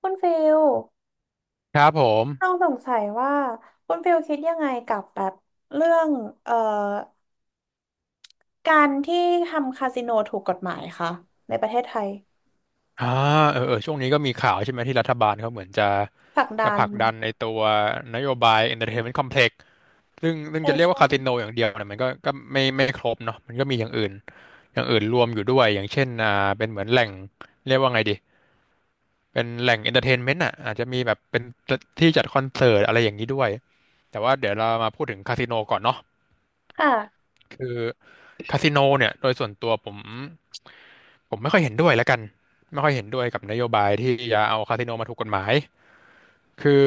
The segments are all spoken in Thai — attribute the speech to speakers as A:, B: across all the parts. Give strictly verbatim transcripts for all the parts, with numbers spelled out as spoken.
A: คุณฟิล
B: ครับผม
A: ต้องสงสัยว่าคุณฟิลคิดยังไงกับแบบเรื่อง เอ่อ การที่ทำคาสิโนถูกกฎหมายคะในประเทศไทย
B: อ่าเออเออช่วงนี้ก็มีข่าวใช่ไหมที่รัฐบาลเขาเหมือนจะ
A: ศัก
B: จะ
A: ดา
B: ผ
A: น
B: ลักดันในตัวนโยบาย Entertainment Complex ซึ่งซึ่ง
A: ใช่
B: จะเรียกว่า
A: ใช่
B: คาสิโนอย่างเดียวเนี่ยมันก็ก็ไม่ไม่ครบเนาะมันก็มีอย่างอื่นอย่างอื่นรวมอยู่ด้วยอย่างเช่นอ่าเป็นเหมือนแหล่งเรียกว่าไงดีเป็นแหล่ง Entertainment อ่ะอาจจะมีแบบเป็นที่จัดคอนเสิร์ตอะไรอย่างนี้ด้วย แต่ว่าเดี๋ยวเรามาพูดถึงคาสิโนก่อนเนาะ
A: ค่ะ
B: คือคาสิโนเนี่ยโดยส่วนตัวผม ผมไม่ค่อยเห็นด้วยแล้วกันไม่ค่อยเห็นด้วยกับนโยบายที่จะเอาคาสิโนมาถูกกฎหมาย คือ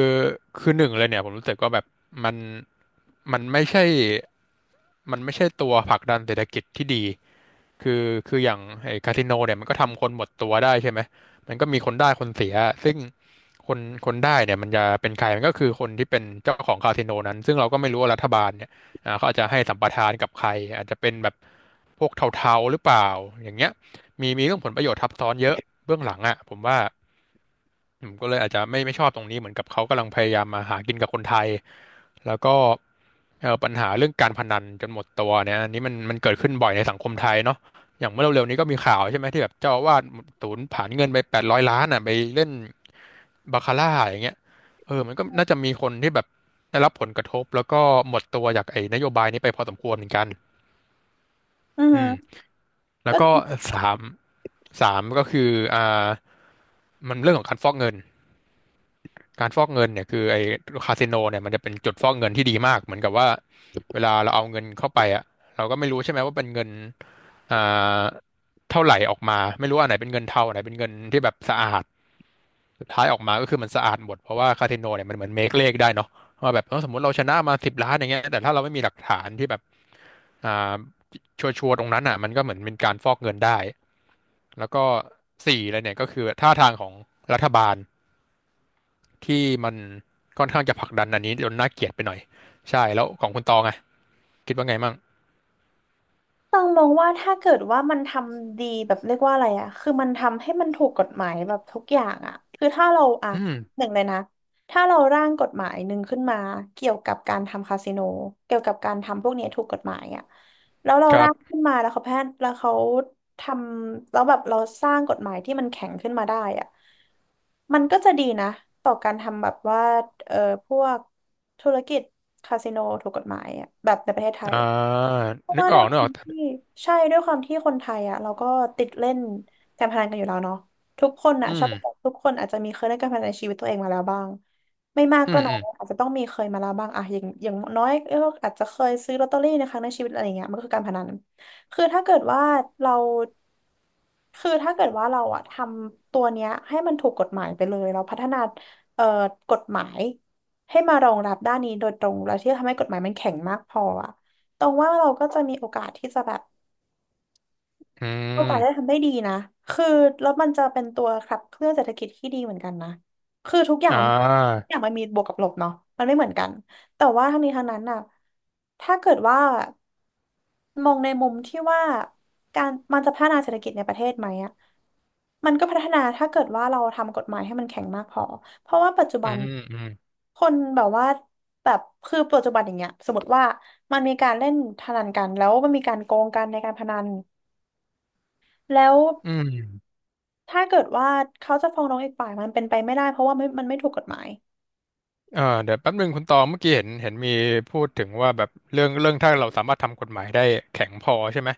B: คือหนึ่งเลยเนี่ยผมรู้สึกว่าแบบมันมันไม่ใช่มันไม่ใช่ตัวผลักดันเศรษฐกิจที่ดีคือคืออย่างไอ้คาสิโนเนี่ยมันก็ทำคนหมดตัวได้ใช่ไหมมันก็มีคนได้คนเสียซึ่งคนคนได้เนี่ยมันจะเป็นใครมันก็คือคนที่เป็นเจ้าของคาสิโนนั้นซึ่งเราก็ไม่รู้ว่ารัฐบาลเนี่ยอ่าเขาอาจจะให้สัมปทานกับใครอาจจะเป็นแบบพวกเทาๆหรือเปล่าอย่างเงี้ยมีมีเรื่องผลประโยชน์ทับซ้อนเยอะเบื้องหลังอ่ะผมว่า ผมก็เลยอาจจะไม่ไม่ชอบตรงนี้เหมือนกับเขากำลังพยายามมาหากินกับคนไทยแล้วก็เอ่อปัญหาเรื่องการพนันจนหมดตัวเนี่ยอันนี้มันมันเกิดขึ้นบ่อยในสังคมไทยเนาะอย่างเมื่อเร็วๆนี้ก็มีข่าวใช่ไหมที่แบบเจ้าอาวาสสูญผลาญเงินไปแปดร้อยล้านอ่ะไปเล่นบาคาร่าอย่างเงี้ยเออมันก็น่าจะมีคนที่แบบได้รับผลกระทบแล้วก็หมดตัวจากไอ้นโยบายนี้ไปพอสมควรเหมือนกัน
A: อือฮึ
B: อืม
A: ก็
B: แล้วก็สามสามก็คืออ่ามันเรื่องของการฟอกเงิน การฟอกเงินเนี่ยคือไอ้คาสิโนเนี่ยมันจะเป็นจุดฟอกเงินที่ดีมากเหมือนกับว่าเวลาเราเอาเงินเข้าไปอ่ะเราก็ไม่รู้ใช่ไหมว่าเป็นเงินอ่าเท่าไหร่ออกมาไม่รู้อันไหนเป็นเงินเทาอันไหนเป็นเงินที่แบบสะอาดสุดท้ายออกมาก็คือมันสะอาดหมดเพราะว่าคาสิโนเนี่ยมันเหมือนเมคเลขได้เนาะว่าแบบเออสมมติเราชนะมาสิบล้านอย่างเงี้ยแต่ถ้าเราไม่มีหลักฐานที่แบบอ่าชัวร์ๆตรงนั้นอ่ะมันก็เหมือนเป็นการฟอกเงินได้แล้วก็สี่เลยเนี่ยก็คือท่าทางของรัฐบาล ที่มันค่อนข้างจะผลักดันอันนี้จนน่าเกลียดไปหน่อย ใช่แล้วของคุณตองไงคิดว่าไงมั่ง
A: ต้องมองว่าถ้าเกิดว่ามันทำดีแบบเรียกว่าอะไรอะคือมันทำให้มันถูกกฎหมายแบบทุกอย่างอะคือถ้าเราอะ
B: อืม
A: หนึ่งเลยนะถ้าเราร่างกฎหมายหนึ่งขึ้นมาเกี่ยวกับการทำคาสิโนเกี่ยวกับการทำพวกเนี้ยถูกกฎหมายอะแล้วเรา
B: ครั
A: ร่า
B: บ
A: งขึ้นมาแล้วเขาแพทย์แล้วเขาทำแล้วแบบเราสร้างกฎหมายที่มันแข็งขึ้นมาได้อะมันก็จะดีนะต่อการทำแบบว่าเออพวกธุรกิจคาสิโนถูกกฎหมายอะแบบในประเทศไทย
B: อ่
A: อะ
B: า
A: ราะ
B: นึก
A: ว่า
B: อ
A: ด้
B: อ
A: ว
B: ก
A: ย
B: นึ
A: ค
B: กอ
A: วา
B: อก
A: ม
B: แต่
A: ที่ใช่ด้วยความที่คนไทยอ่ะเราก็ติดเล่นการพนันกันอยู่แล้วเนาะทุกคนอ่ะ
B: อื
A: ชอบ
B: ม
A: ทุกคนอาจจะมีเคยเล่นการพนันในชีวิตตัวเองมาแล้วบ้างไม่มาก
B: อื
A: ก็
B: ม
A: น้
B: อื
A: อย
B: ม
A: อาจจะต้องมีเคยมาแล้วบ้างอะอย่างอย่างน้อยก็อาจจะเคยซื้อลอตเตอรี่ในครั้งในชีวิตอะไรอย่างเงี้ยมันก็คือการพนันคือถ้าเกิดว่าเราคือถ้าเกิดว่าเราอะทำตัวเนี้ยให้มันถูกกฎหมายไปเลยเราพัฒนาเอ่อกฎหมายให้มารองรับด้านนี้โดยตรงแล้วที่จะทำให้กฎหมายมันแข็งมากพออะ ตรงว่าเราก็จะมีโอกาสที่จะแบบ
B: อื
A: ก็ตายได้
B: ม
A: ทำได้ดีนะคือแล้วมันจะเป็นตัวขับเคลื่อนเศรษฐกิจที่ดีเหมือนกันนะคือทุกอย่าง
B: อ่
A: มันทุ
B: า
A: กอย่างมันมีบวกกับลบเนาะมันไม่เหมือนกันแต่ว่าทั้งนี้ทั้งนั้นน่ะถ้าเกิดว่ามองในมุมที่ว่าการมันจะพัฒนาเศรษฐกิจในประเทศไหมอะมันก็พัฒนาถ้าเกิดว่าเราทำกฎหมายให้มันแข็งมากพอเพราะว่าปัจจุ
B: อื
A: บัน
B: มอืม
A: คนแบบว่าแบบคือปัจจุบันอย่างเงี้ยสมมติว่ามันมีการเล่นพนันกันแล้วมันมีการโกงกันในการพนันแล้ว
B: อืม
A: ถ้าเกิดว่าเขาจะฟ้องร้องอีกฝ่ายมันเป็นไปไม่ได้เพราะว่าไม่มันไม่ถูกกฎหมาย
B: เออเดี๋ยวแป๊บนึงคุณตองเมื่อกี้เห็นเห็นมีพูดถึงว่าแบบเรื่องเรื่องถ้าเราสามารถทำกฎหมายได้แข็งพอใช่ไหม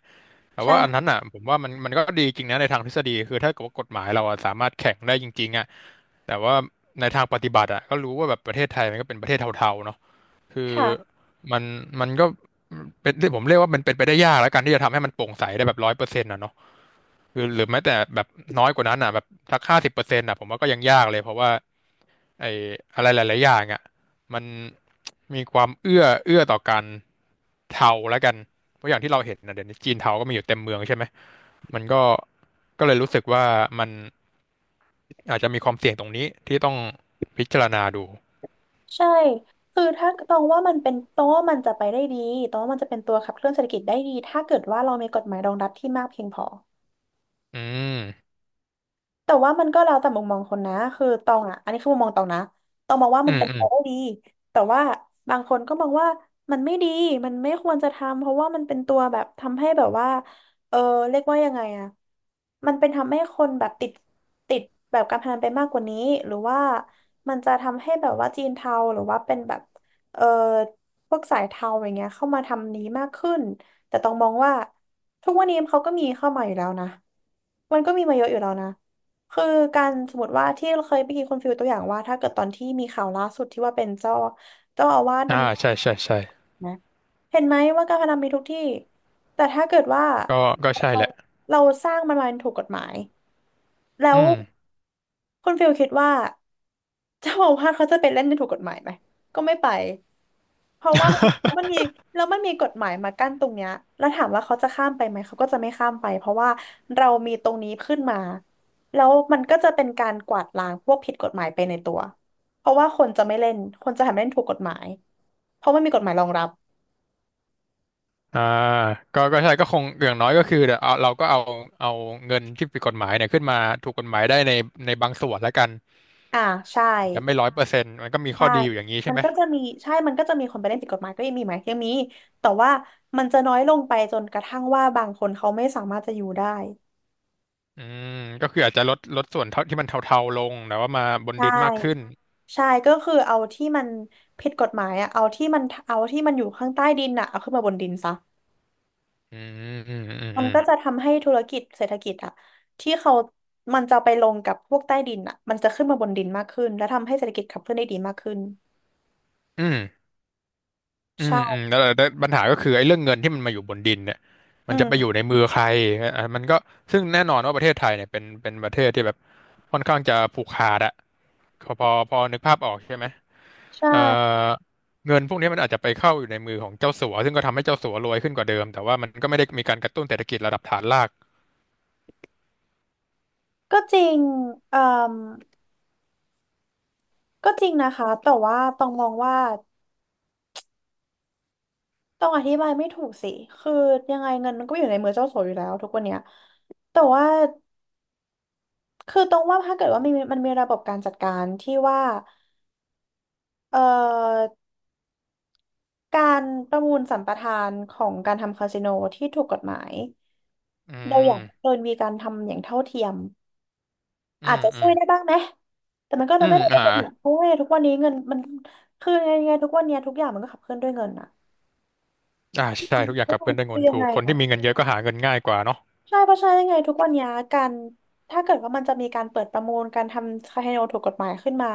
B: แต่ว่าอันนั้น
A: ใช่
B: อ่ะผมว่ามันมันก็ดีจริงนะในทางทฤษฎีคือถ้าเกิดว่ากฎหมายเราอะสามารถแข็งได้จริงๆอ่ะแต่ว่าในทางปฏิบัติอ่ะก็รู้ว่าแบบประเทศไทยมันก็เป็นประเทศเทาๆเนาะ คือ
A: ค่ะ
B: มันมันก็เป็นที่ผมเรียกว่ามันเป็นไปได้ยากแล้วกันที่จะทำให้มันโปร่งใสได้แบบร้อยเปอร์เซ็นต์นะเนาะคือหรือแม้แต่แบบน้อยกว่านั้นอ่ะแบบสักห้าสิบเปอร์เซ็นต์อ่ะผมว่าก็ยังยากเลยเพราะว่าไอ้อะไรหลายๆอย่างอ่ะมันมีความเอื้อเอื้อต่อการเทาแล้วกันเพราะอย่างที่เราเห็นนะเดี๋ยวนี้จีนเทาก็มีอยู่เต็มเมืองใช่ไหมมันก็ก็เลยรู้สึกว่ามันอาจจะมีความเสี่ยงตรงนี้ที่ต้องพิจารณาดู
A: ใช่คือถ้าตองว่ามันเป็นตองว่ามันจะไปได้ดีตองว่ามันจะเป็นตัวขับเคลื่อนเศรษฐกิจได้ดีถ้าเกิดว่าเรามีกฎหมายรองรับที่มากเพียงพอ
B: อืม
A: แต่ว่ามันก็แล้วแต่มุมมองคนนะคือตองอ่ะอันนี้คือมุมมองตองนะตองมองว่า
B: อื
A: มัน
B: ม
A: เป็น
B: อื
A: ไป
B: ม
A: ได้ดีแต่ว่าบางคนก็มองว่ามันไม่ดีมันไม่ควรจะทำเพราะว่ามันเป็นตัวแบบทำให้แบบว่าเออเรียกว่ายังไงอ่ะมันเป็นทำให้คนแบบติดติดแบบการพนันไปมากกว่านี้หรือว่ามันจะทำให้แบบว่าจีนเทาหรือว่าเป็นแบบเออพวกสายเทาอย่างเงี้ยเข้ามาทำนี้มากขึ้นแต่ต้องมองว่าทุกวันนี้เขาก็มีเข้ามาอยู่แล้วนะมันก็มีมาเยอะอยู่แล้วนะ คือการสมมติว่าที่เราเคยไปกีดคุณฟิลตัวอย่างว่าถ้าเกิดตอนที่มีข่าวล่าสุดที่ว่าเป็นเจ้าเจ้าอาวาสน
B: อ่าใช่ใช่ใช่
A: ำนะเห็นไหมว่าการพนันมีทุกที่แต่ถ้าเกิดว่า
B: ก็ก็ใช่
A: เรา
B: แหละ
A: เราสร้างมันมาเป็นถูกกฎหมาย แล้
B: อื
A: ว
B: ม
A: คุณฟิลคิดว่าเจ้าอาวาสเขาจะไปเล่นในถูกกฎหมายไหมก็ไม่ไปเพราะว่ามันมันมีแล้วมันมีกฎหมายมากั้นตรงเนี้ยแล้วถามว่าเขาจะข้ามไปไหมเขาก็จะไม่ข้ามไปเพราะว่าเรามีตรงนี้ขึ้นมาแล้วมันก็จะเป็นการกวาดล้างพวกผิดกฎหมายไปในตัวเพราะว่าคนจะไม่เล่นคนจะทำเล่นถูกกฎหมายเพราะมันมีกฎหมายรองรับ
B: อ่าก็ก็ใช่ก็คงอย่างน้อยก็คือเดี๋ยวเอาเราก็เอาเอาเงินที่ผิดกฎหมายเนี่ยขึ้นมาถูกกฎหมายได้ในในบางส่วนแล้วกัน
A: อ่าใช่
B: จะไม่ร้อยเปอร์เซ็นต์มันก็มีข้
A: ใช่
B: อดีอยู่อย่างนี้ใช่
A: มัน
B: ไหม
A: ก็จะมีใช่มันก็จะมีคนไปเล่นผิดกฎหมายก็ยังมีไหมยังมีแต่ว่ามันจะน้อยลงไปจนกระทั่งว่าบางคนเขาไม่สามารถจะอยู่ได้
B: อืมก็คืออาจจะลดลดส่วนเท่าที่มันเทาๆลงแต่ว่ามาบน
A: ใช่
B: ดินมากขึ้น
A: ใช่ก็คือเอาที่มันผิดกฎหมายอะเอาที่มันเอาที่มันอยู่ข้างใต้ดินอะเอาขึ้นมาบนดินซะ
B: อืมอืมอืม
A: มั
B: อื
A: น
B: ม
A: ก็จะทำให้ธุรกิจเศรษฐกิจอะที่เขามันจะไปลงกับพวกใต้ดินอะมันจะขึ้นมาบนดินมากขึ้นและทำให้เศรษฐกิจขับเคลื่อนได้ดีมากขึ้น
B: อืมอืมอื
A: ใช่
B: มแล้วแล้วปัญหาก็คือไอ้เรื่องเงินที่มันมาอยู่บนดินเนี่ย
A: อื
B: มันจะไปอ
A: ม
B: ยู่ในมือใครอ่ะมันก็ซึ่งแน่นอนว่าประเทศไทยเนี่ยเป็นเป็นประเทศที่แบบค่อนข้างจะผูกขาดอะพอพอพอนึกภาพออกใช่ไหม
A: ใช
B: เอ่อ
A: ่
B: เงินพวกนี้มันอาจจะไปเข้าอยู่ในมือของเจ้าสัวซึ่งก็ทำให้เจ้าสัวรวยขึ้นกว่าเดิมแต่ว่ามันก็ไม่ได้มีการกระตุ้นเศรษฐกิจระดับฐานราก
A: ก็จริงเอ่อ ก็จริงนะคะแต่ว่าต้องมองว่าต้องอธิบายไม่ถูกสิคือยังไงเงินมันก็อยู่ในมือเจ้าสัวอยู่แล้วทุกวันเนี้ยแต่ว่าคือต้องว่าถ้าเกิดว่ามีมันมีระบบการจัดการที่ว่าเอ่อการประมูลสัมปทานของการทำคาสิโนที่ถูกกฎหมาย
B: อื
A: เราอยา
B: ม
A: กเกินมีการทำอย่างเท่าเทียม
B: อื
A: อาจ
B: ม
A: จะ
B: อื
A: ช่ว
B: ม
A: ยได้บ้างไหมแต่มันก็เล
B: อื
A: ยไม่
B: ม
A: ได้
B: อ่า
A: เป็นหรอกเพราะว่าทุกวันนี้เงินมันคือยังไงทุกวันเนี้ยทุกอย่างมันก็ขับเคลื่อนด้วยเงินอะ
B: อ่าใช่ทุกอย่าง
A: ทุก
B: ขับเค
A: วัน
B: ลื่อนได้วยเงิ
A: คือ
B: น
A: ยั
B: ถู
A: งไง
B: กคน
A: อะ
B: ที่มีเงินเยอะก็หาเงินง่ายกว่าเนาะ
A: ใช่เพราะฉะนั้นยังไงทุกวันเนี้ยการถ้าเกิดว่ามันจะมีการเปิดประมูลการทำคาสิโนถูกกฎหมายขึ้นมา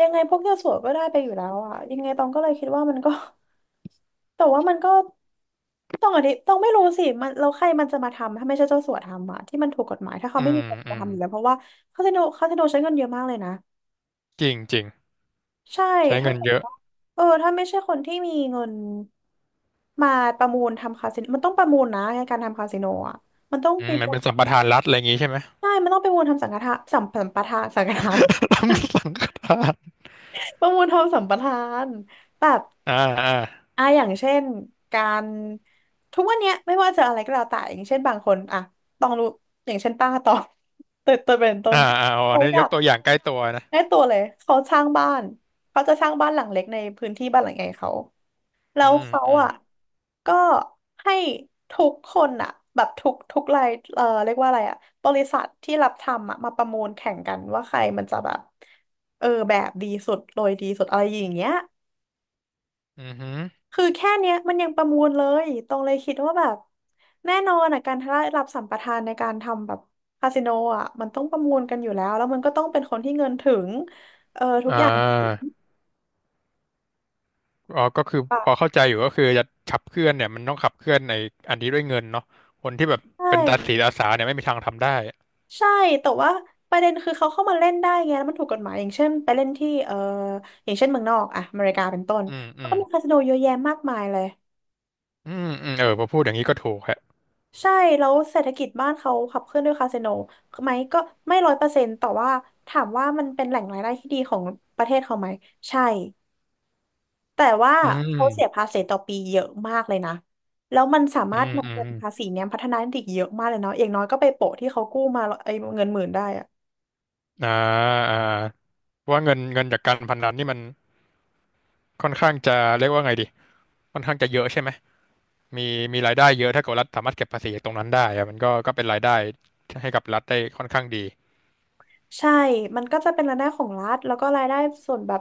A: ยังไงพวกเจ้าสัวก็ได้ไปอยู่แล้วอ่ะยังไงตองก็เลยคิดว่ามันก็ แต่ว่ามันก็ต้องอธิต้องไม่รู้สิมันเราใครมันจะมาทำถ้าไม่ใช่เจ้าสัวทำอ่ะที่มันถูกกฎหมายถ้าเขา
B: อื
A: ไม่
B: ม
A: มีคน
B: อื
A: มา
B: ม
A: ทำอยู่แล้วเพราะว่าคาสิโนคาสิโนใช้เงินเยอะมากเลยนะ
B: จริงจริง
A: ใช่
B: ใช้
A: ถ้า
B: เงิน
A: เกิด
B: เยอะ
A: ว่าเออถ้าไม่ใช่คนที่มีเงินมาประมูลทำคาสิโนมันต้องประมูลนะในการทำคาสิโนอ่ะมันต้อง
B: อื
A: มี
B: มมันเป็นสัมปทานรัฐอะไรอย่างงี้ใช่ไหม
A: ใช่มันต้องไประมูลทำสังฆทานสัมสัมปทานสังฆทาน ประมูลทำสัมปทานแบบ
B: อ่าอ่า
A: อ่ะอย่างเช่นการทุกวันเนี้ยไม่ว่าจะอะไรก็แล้วแต่อย่างเช่นบางคนอ่ะต้องรู้อย่างเช่นป้าตอง เติร์เติร์เป็นต้
B: อ่า
A: น
B: อ่าอ๋อ
A: เขา
B: นี่
A: อ
B: ย
A: ยา
B: ก
A: ก
B: ตัวอย่างใกล้ตัวนะ
A: ได้ตัวเลยเขาสร้างบ้านเขาจะสร้างบ้านหลังเล็กในพื้นที่บ้านหลังใหญ่เขา แล้
B: อื
A: ว
B: ม
A: เขา
B: อืม
A: อ่ะก็ให้ทุกคนอ่ะแบบทุกทุกรายเอ่อเรียกว่าอะไรอ่ะบริษัทที่รับทำอ่ะมาประมูลแข่งกันว่าใครมันจะแบบเออแบบดีสุดโรยดีสุดอะไรอย่างเงี้ย
B: อืมอหือ
A: คือแค่เนี้ยมันยังประมูลเลยตรงเลยคิดว่าแบบแน่นอนอ่ะการได้รับสัมปทานในการทำแบบคาสิโนอ่ะมันต้องประมูลกันอยู่แล้วแล้วมันก็ต้องเป็นคนที่เงินถึง
B: อ่า อ๋อก็คือ
A: ป่ะ
B: พอเข้าใจอยู่ก็คือจะขับเคลื่อนเนี่ยมันต้องขับเคลื่อนในอันนี้ด้วยเงินเนาะคนที่แบบ
A: ใช่
B: เป็นตาสีตาสาเนี่ยไม่มีทางทำได้
A: ใช่แต่ว่าประเด็นคือเขาเข้ามาเล่นได้ไงแล้วมันถูกกฎหมายอย่างเช่นไปเล่นที่เอ่ออย่างเช่นเมืองนอกอะอเมริกาเป็นต้น
B: อืมอื
A: เขา
B: ม
A: ก็มีคาสิโนเยอะแยะมากมายเลย
B: อืมอืมเออพอพูดอย่างนี้ก็ถูกฮะ
A: ใช่แล้วเศรษฐกิจบ้านเขาขับเคลื่อนด้วยคาสิโนไหมก็ไม่ร้อยเปอร์เซ็นต์แต่ว่าถามว่ามันเป็นแหล่งรายได้ที่ดีของประเทศเขาไหมใช่แต่ว่า
B: อื
A: เขาเสีย
B: ม
A: ภาษีต่อปีเยอะมากเลยนะแล้วมันสา
B: อื
A: มารถ
B: มอื
A: นำ
B: ม
A: เงิ
B: อ
A: นภา
B: ม
A: ษีเนี้ยพัฒนาได้อีกเยอะมากเลยเนาะอย่างน้อยก็ไปโปะที่เขากู้มาไอ้เงินหมื่นได้อะ
B: อ่าอ่าเพราะว่าเงินเงินจากการพนันนี่มันค่อนข้างจะเรียกว่าไงดีค่อนข้างจะเยอะใช่ไหมมีมีรายได้เยอะถ้าเกิดรัฐสามารถเก็บภาษีจากตรงนั้นได้อะมันก็ก็เป็นรายได้ให้กับรัฐได้ค่อนข้างดี
A: ใช่มันก็จะเป็นรายได้ของรัฐ แล้วก็รายได้ส่วนแบบ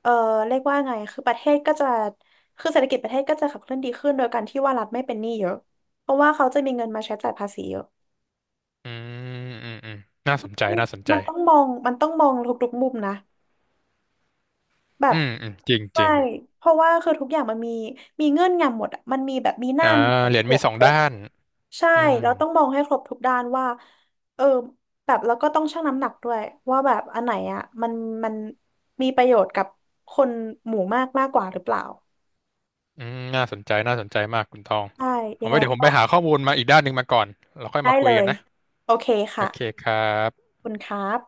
A: เออเรียกว่าไงคือประเทศก็จะคือเศรษฐกิจประเทศก็จะขับเคลื่อนดีขึ้นโดยการที่ว่ารัฐไม่เป็นหนี้เยอะเพราะว่าเขาจะมีเงินมาใช้จ่ายภาษีเยอะ
B: อืมอืมอืมน่าสนใจน่าสนใจ
A: มันต้องมองมันต้องมองทุกๆมุมนะแบ
B: อื
A: บ
B: มอืมจริงจ
A: ใช่
B: ริง
A: เพราะว่าคือทุกอย่างมันมีมีเงื่อนงำหมดอะมันมีแบบมีหน้า
B: อ่า
A: มีหลัง
B: เหรียญ
A: บ
B: มี
A: วก
B: สองด้าน
A: ใช่
B: อืม
A: แล้วต้องมองให้ครบทุกด้านว่าเออแบบแล้วก็ต้องชั่งน้ำหนักด้วยว่าแบบอันไหนอ่ะมันมันมีประโยชน์กับคนหมู่มากมากกว่าหรือเปล่า
B: อืมน่าสนใจ น่าสนใจมากคุณตอง
A: ใช่ยั
B: เอา
A: ง
B: ไว้
A: ไง
B: เดี๋ยวผม
A: ก็
B: ไปหาข้อมูลมาอีกด้านหนึ่งมาก่อน เราค่อย
A: ได้
B: มาคุ
A: เล
B: ยกัน
A: ย
B: นะ
A: โอเค
B: โอ
A: ค่ะ
B: เคครับ
A: ขอบคุณครับ